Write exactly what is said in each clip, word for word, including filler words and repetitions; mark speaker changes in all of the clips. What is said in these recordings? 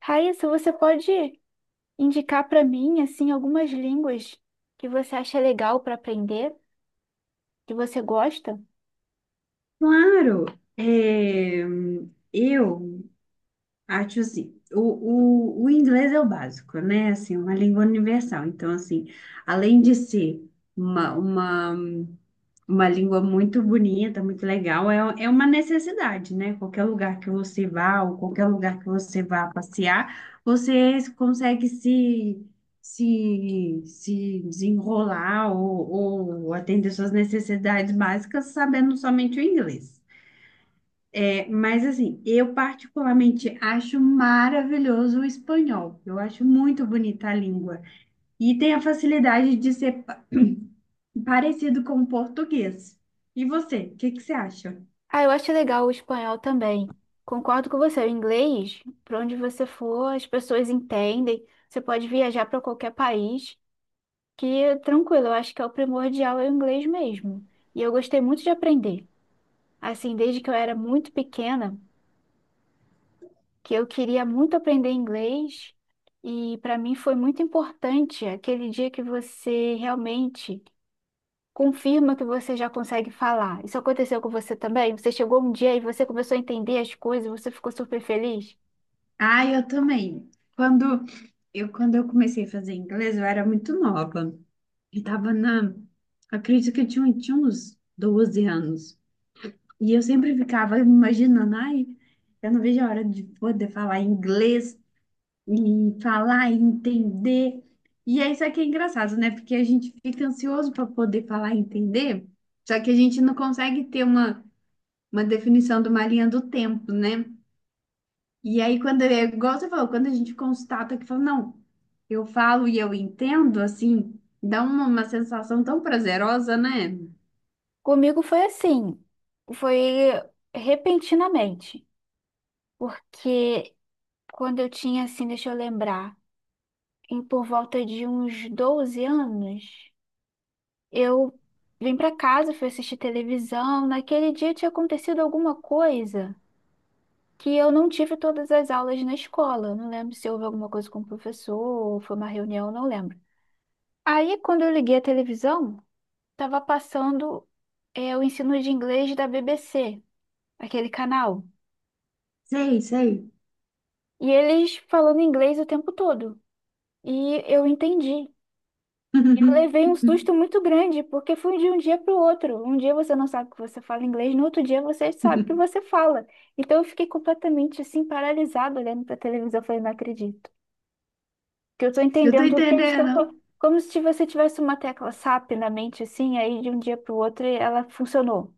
Speaker 1: Raíssa, você pode indicar para mim, assim, algumas línguas que você acha legal para aprender, que você gosta?
Speaker 2: Claro, é, eu acho assim, o, o, o inglês é o básico, né? Assim, uma língua universal. Então, assim, além de ser uma, uma, uma língua muito bonita, muito legal, é, é uma necessidade, né? Qualquer lugar que você vá, ou qualquer lugar que você vá passear, você consegue se, se, se desenrolar ou, ou atender suas necessidades básicas sabendo somente o inglês. Mas assim, eu particularmente acho maravilhoso o espanhol. Eu acho muito bonita a língua. E tem a facilidade de ser pa- parecido com o português. E você, o que que você acha?
Speaker 1: Ah, eu acho legal o espanhol também. Concordo com você, o inglês, para onde você for, as pessoas entendem. Você pode viajar para qualquer país, que tranquilo, eu acho que é o primordial é o inglês mesmo. E eu gostei muito de aprender. Assim, desde que eu era muito pequena, que eu queria muito aprender inglês e para mim foi muito importante aquele dia que você realmente confirma que você já consegue falar. Isso aconteceu com você também? Você chegou um dia e você começou a entender as coisas, você ficou super feliz?
Speaker 2: Ah, eu também. Quando eu, quando eu comecei a fazer inglês, eu era muito nova. Eu tava na... Acredito que eu tinha, tinha uns doze anos. E eu sempre ficava imaginando, ai, eu não vejo a hora de poder falar inglês e falar e entender. E é isso aqui é engraçado, né? Porque a gente fica ansioso para poder falar e entender, só que a gente não consegue ter uma, uma definição de uma linha do tempo, né? E aí, quando é igual você falou, quando a gente constata que fala, não, eu falo e eu entendo, assim, dá uma, uma sensação tão prazerosa, né?
Speaker 1: Comigo foi assim, foi repentinamente, porque quando eu tinha assim, deixa eu lembrar, em por volta de uns doze anos, eu vim para casa, fui assistir televisão. Naquele dia tinha acontecido alguma coisa que eu não tive todas as aulas na escola. Eu não lembro se houve alguma coisa com o professor, ou foi uma reunião, não lembro. Aí, quando eu liguei a televisão, estava passando é, o ensino de inglês da B B C, aquele canal.
Speaker 2: Sei, sei.
Speaker 1: E eles falando inglês o tempo todo. E eu entendi. Eu levei um susto muito grande, porque foi de um dia para o outro. Um dia você não sabe que você fala inglês, no outro dia você sabe que você fala. Então eu fiquei completamente assim, paralisada, olhando para a televisão. Eu falei, não acredito. Que eu estou
Speaker 2: Eu tô
Speaker 1: entendendo tudo que eles estão falando.
Speaker 2: entendendo.
Speaker 1: Como se você tivesse uma tecla S A P na mente, assim, aí de um dia para o outro ela funcionou.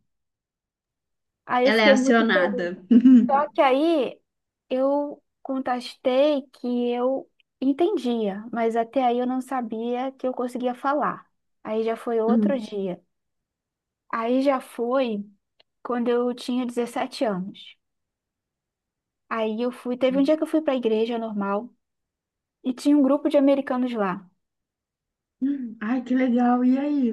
Speaker 1: Aí eu
Speaker 2: Ela é
Speaker 1: fiquei muito feliz.
Speaker 2: acionada.
Speaker 1: Só que aí eu contestei que eu entendia, mas até aí eu não sabia que eu conseguia falar. Aí já foi outro
Speaker 2: Hum.
Speaker 1: dia. Aí já foi quando eu tinha dezessete anos. Aí eu fui, teve um dia que eu fui pra igreja normal e tinha um grupo de americanos lá.
Speaker 2: Ai, que legal. E aí?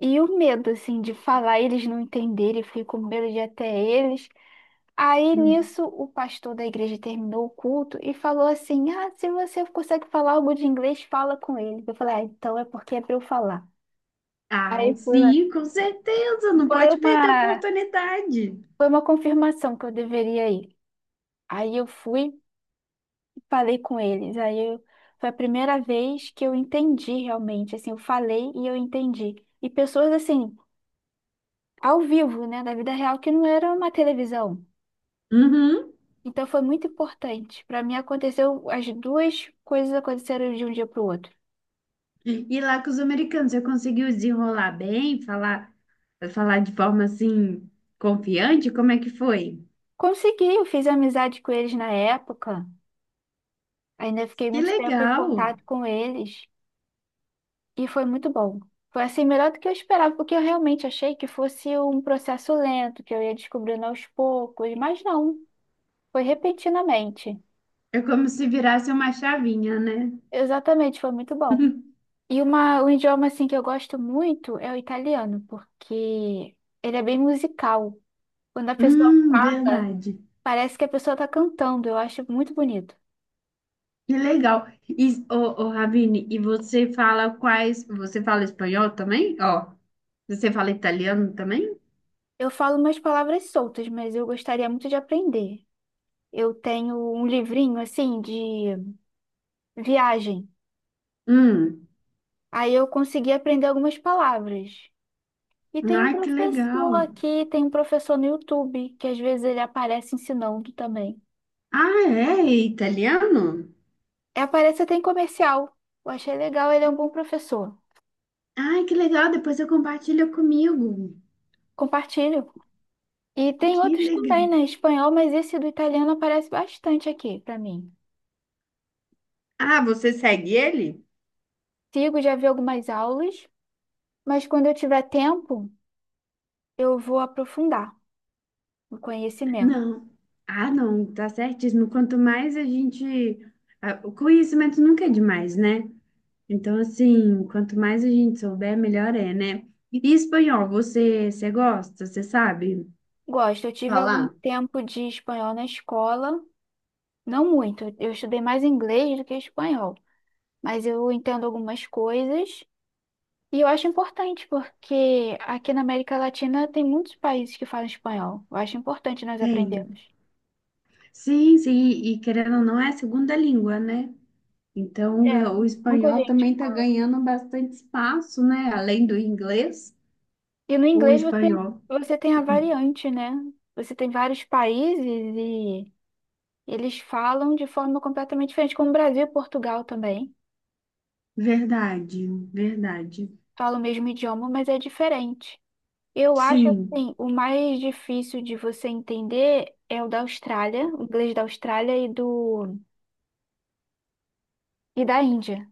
Speaker 1: E o medo, assim, de falar, eles não entenderem, eu fiquei com medo de ir até eles. Aí
Speaker 2: Hum.
Speaker 1: nisso, o pastor da igreja terminou o culto e falou assim: Ah, se você consegue falar algo de inglês, fala com ele. Eu falei: Ah, então é porque é pra eu falar.
Speaker 2: Ai,
Speaker 1: Aí fui lá.
Speaker 2: sim, com certeza, não
Speaker 1: Foi
Speaker 2: pode perder a
Speaker 1: uma,
Speaker 2: oportunidade.
Speaker 1: Foi uma confirmação que eu deveria ir. Aí eu fui falei com eles. Aí eu- foi a primeira vez que eu entendi realmente, assim, eu falei e eu entendi. E pessoas assim, ao vivo, né, da vida real, que não era uma televisão.
Speaker 2: Uhum.
Speaker 1: Então foi muito importante. Para mim aconteceu, as duas coisas aconteceram de um dia para o outro.
Speaker 2: E lá com os americanos, você conseguiu desenrolar bem, falar, falar de forma assim confiante? Como é que foi?
Speaker 1: Consegui, eu fiz amizade com eles na época. Ainda fiquei
Speaker 2: Que
Speaker 1: muito tempo em
Speaker 2: legal!
Speaker 1: contato com eles e foi muito bom. Foi assim melhor do que eu esperava, porque eu realmente achei que fosse um processo lento, que eu ia descobrindo aos poucos, mas não. Foi repentinamente.
Speaker 2: É como se virasse uma chavinha, né?
Speaker 1: Exatamente, foi muito bom. E uma, um idioma assim que eu gosto muito é o italiano, porque ele é bem musical. Quando a pessoa
Speaker 2: Hum,
Speaker 1: fala,
Speaker 2: verdade.
Speaker 1: parece que a pessoa está cantando. Eu acho muito bonito.
Speaker 2: Que legal. E, ô, ô, Ravine, e você fala quais? Você fala espanhol também? Ó, você fala italiano também?
Speaker 1: Eu falo umas palavras soltas, mas eu gostaria muito de aprender. Eu tenho um livrinho assim de viagem.
Speaker 2: Hum.
Speaker 1: Aí eu consegui aprender algumas palavras. E tem um
Speaker 2: Ai, que
Speaker 1: professor
Speaker 2: legal.
Speaker 1: aqui, tem um professor no YouTube, que às vezes ele aparece ensinando também.
Speaker 2: Ah, é? É italiano?
Speaker 1: É, aparece até em comercial. Eu achei legal, ele é um bom professor.
Speaker 2: Ai, que legal. Depois eu compartilho comigo.
Speaker 1: Compartilho. E tem
Speaker 2: Que
Speaker 1: outros também,
Speaker 2: legal.
Speaker 1: né? Espanhol, mas esse do italiano aparece bastante aqui pra mim.
Speaker 2: Ah, você segue ele?
Speaker 1: Sigo, já vi algumas aulas, mas quando eu tiver tempo, eu vou aprofundar o conhecimento.
Speaker 2: Não. Ah, não, tá certíssimo. Quanto mais a gente. Ah, o conhecimento nunca é demais, né? Então, assim, quanto mais a gente souber, melhor é, né? E espanhol, você, você gosta? Você sabe
Speaker 1: Gosto, eu tive algum
Speaker 2: falar?
Speaker 1: tempo de espanhol na escola, não muito. Eu estudei mais inglês do que espanhol, mas eu entendo algumas coisas. E eu acho importante, porque aqui na América Latina tem muitos países que falam espanhol. Eu acho importante nós
Speaker 2: Tem.
Speaker 1: aprendermos.
Speaker 2: Sim, sim. E querendo ou não, é a segunda língua, né? Então,
Speaker 1: É,
Speaker 2: ga- o
Speaker 1: muita
Speaker 2: espanhol
Speaker 1: gente.
Speaker 2: também está ganhando bastante espaço, né? Além do inglês,
Speaker 1: E no
Speaker 2: o
Speaker 1: inglês você,
Speaker 2: espanhol.
Speaker 1: você tem a variante, né? Você tem vários países e eles falam de forma completamente diferente, como o Brasil e Portugal também.
Speaker 2: Verdade, verdade.
Speaker 1: Falam o mesmo idioma, mas é diferente. Eu acho
Speaker 2: Sim,
Speaker 1: assim, o mais difícil de você entender é o da Austrália, o inglês da Austrália e do e da Índia.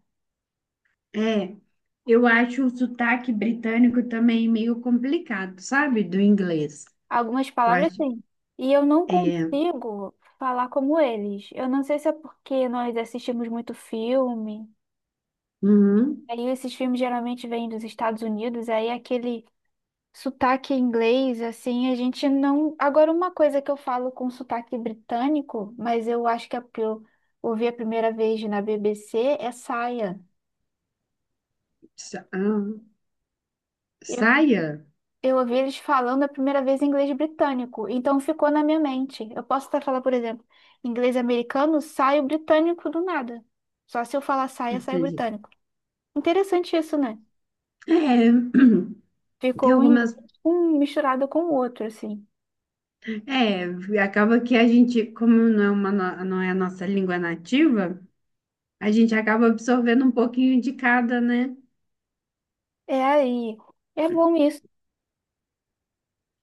Speaker 2: é. Eu acho o sotaque britânico também meio complicado, sabe? Do inglês.
Speaker 1: Algumas
Speaker 2: Eu
Speaker 1: palavras
Speaker 2: acho.
Speaker 1: sim. E eu não
Speaker 2: É.
Speaker 1: consigo falar como eles. Eu não sei se é porque nós assistimos muito filme.
Speaker 2: Uhum.
Speaker 1: Aí esses filmes geralmente vêm dos Estados Unidos, aí aquele sotaque inglês, assim, a gente não. Agora, uma coisa que eu falo com sotaque britânico, mas eu acho que é porque eu ouvi a primeira vez na B B C, é saia.
Speaker 2: Sa- ah, saia?
Speaker 1: Eu ouvi eles falando a primeira vez em inglês britânico, então ficou na minha mente. Eu posso até falar, por exemplo, inglês americano, sai o britânico do nada. Só se eu falar saia, sai
Speaker 2: Entendi.
Speaker 1: britânico. Interessante isso, né?
Speaker 2: É, tem
Speaker 1: Ficou um inglês
Speaker 2: algumas.
Speaker 1: um misturado com o outro, assim.
Speaker 2: É, acaba que a gente, como não é, uma, no- não é a nossa língua nativa. A gente acaba absorvendo um pouquinho de cada, né?
Speaker 1: É aí. É bom isso.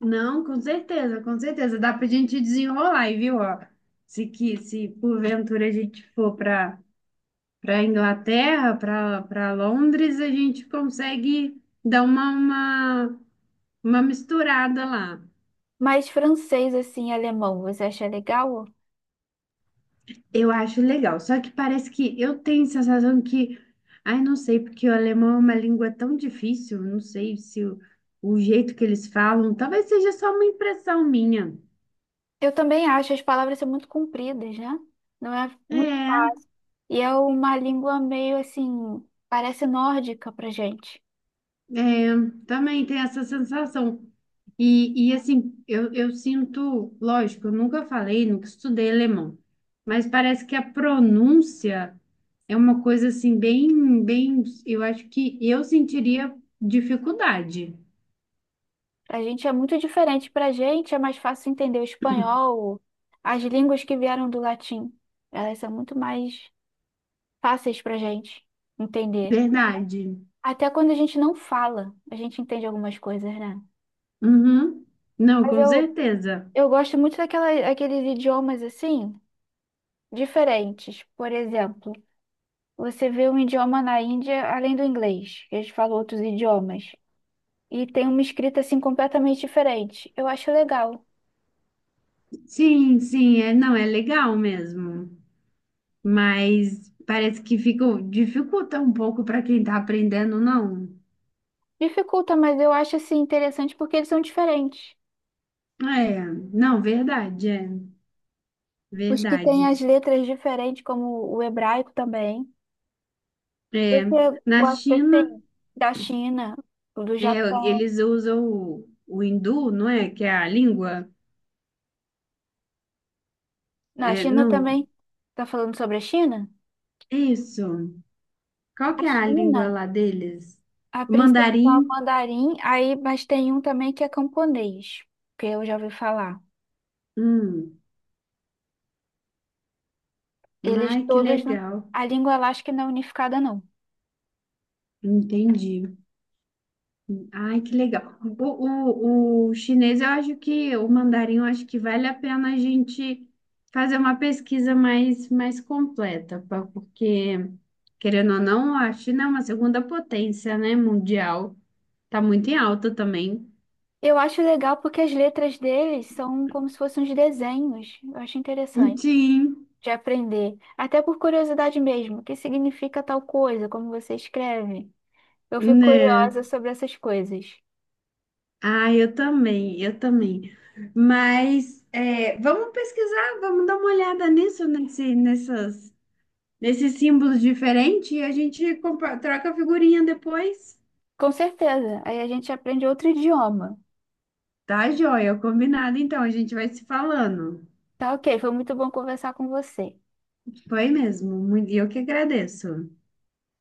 Speaker 2: Não, com certeza, com certeza. Dá pra gente desenrolar, e viu? Ó, se, que, se porventura a gente for para para Inglaterra, para para Londres, a gente consegue dar uma, uma, uma misturada lá.
Speaker 1: Mas francês, assim, e alemão, você acha legal?
Speaker 2: Eu acho legal. Só que parece que eu tenho a sensação que, ai, não sei, porque o alemão é uma língua tão difícil, não sei se o, o jeito que eles falam, talvez seja só uma impressão minha.
Speaker 1: Eu também acho as palavras são muito compridas, né? Não é muito...
Speaker 2: É.
Speaker 1: E é uma língua meio assim, parece nórdica pra gente.
Speaker 2: É, também tem essa sensação. E, e assim, eu, eu sinto, lógico, eu nunca falei, nunca estudei alemão, mas parece que a pronúncia é uma coisa assim, bem, bem, eu acho que eu sentiria dificuldade.
Speaker 1: A gente é muito diferente. Para a gente é mais fácil entender o espanhol, as línguas que vieram do latim. Elas são muito mais fáceis para a gente entender.
Speaker 2: Verdade.
Speaker 1: Até quando a gente não fala, a gente entende algumas coisas, né?
Speaker 2: Uhum. Não,
Speaker 1: Mas
Speaker 2: com
Speaker 1: eu,
Speaker 2: certeza.
Speaker 1: eu gosto muito daquela, daqueles idiomas assim, diferentes. Por exemplo, você vê um idioma na Índia além do inglês, eles falam outros idiomas. E tem uma escrita assim completamente diferente. Eu acho legal.
Speaker 2: Sim, sim, é, não, é legal mesmo. Mas parece que fica, dificulta um pouco para quem está aprendendo, não.
Speaker 1: Dificulta, mas eu acho assim interessante porque eles são diferentes.
Speaker 2: É, não, verdade, é.
Speaker 1: Os que têm
Speaker 2: Verdade.
Speaker 1: as letras diferentes, como o hebraico também.
Speaker 2: É,
Speaker 1: Você
Speaker 2: na
Speaker 1: gosta
Speaker 2: China,
Speaker 1: assim da China, do
Speaker 2: é,
Speaker 1: Japão?
Speaker 2: eles usam o, o hindu, não é? Que é a língua.
Speaker 1: Na
Speaker 2: É,
Speaker 1: China
Speaker 2: não,
Speaker 1: também. Tá falando sobre a China?
Speaker 2: é isso. Qual
Speaker 1: A
Speaker 2: que é a língua
Speaker 1: China,
Speaker 2: lá deles?
Speaker 1: a principal
Speaker 2: Mandarim.
Speaker 1: mandarim, aí, mas tem um também que é camponês, que eu já ouvi falar.
Speaker 2: Hum.
Speaker 1: Eles
Speaker 2: Ai, que
Speaker 1: todos, não-
Speaker 2: legal.
Speaker 1: A língua lá acho que não é unificada, não.
Speaker 2: Entendi. Ai, que legal. O, o, o chinês, eu acho que, o mandarim, eu acho que vale a pena a gente fazer uma pesquisa mais, mais completa, pa- porque, querendo ou não, a China é uma segunda potência, né, mundial. Tá muito em alta também.
Speaker 1: Eu acho legal porque as letras deles são como se fossem uns desenhos. Eu acho interessante
Speaker 2: Sim,
Speaker 1: de aprender, até por curiosidade mesmo, o que significa tal coisa, como você escreve. Eu fico
Speaker 2: né?
Speaker 1: curiosa sobre essas coisas.
Speaker 2: Ah, eu também, eu também. Mas é, vamos pesquisar, vamos dar uma olhada nisso, nesse, nessas, nesses símbolos diferentes e a gente compa- troca a figurinha depois.
Speaker 1: Com certeza, aí a gente aprende outro idioma.
Speaker 2: Tá, joia, combinado. Então, a gente vai se falando.
Speaker 1: Tá, ok, foi muito bom conversar com você.
Speaker 2: Foi mesmo. muito- E eu que agradeço.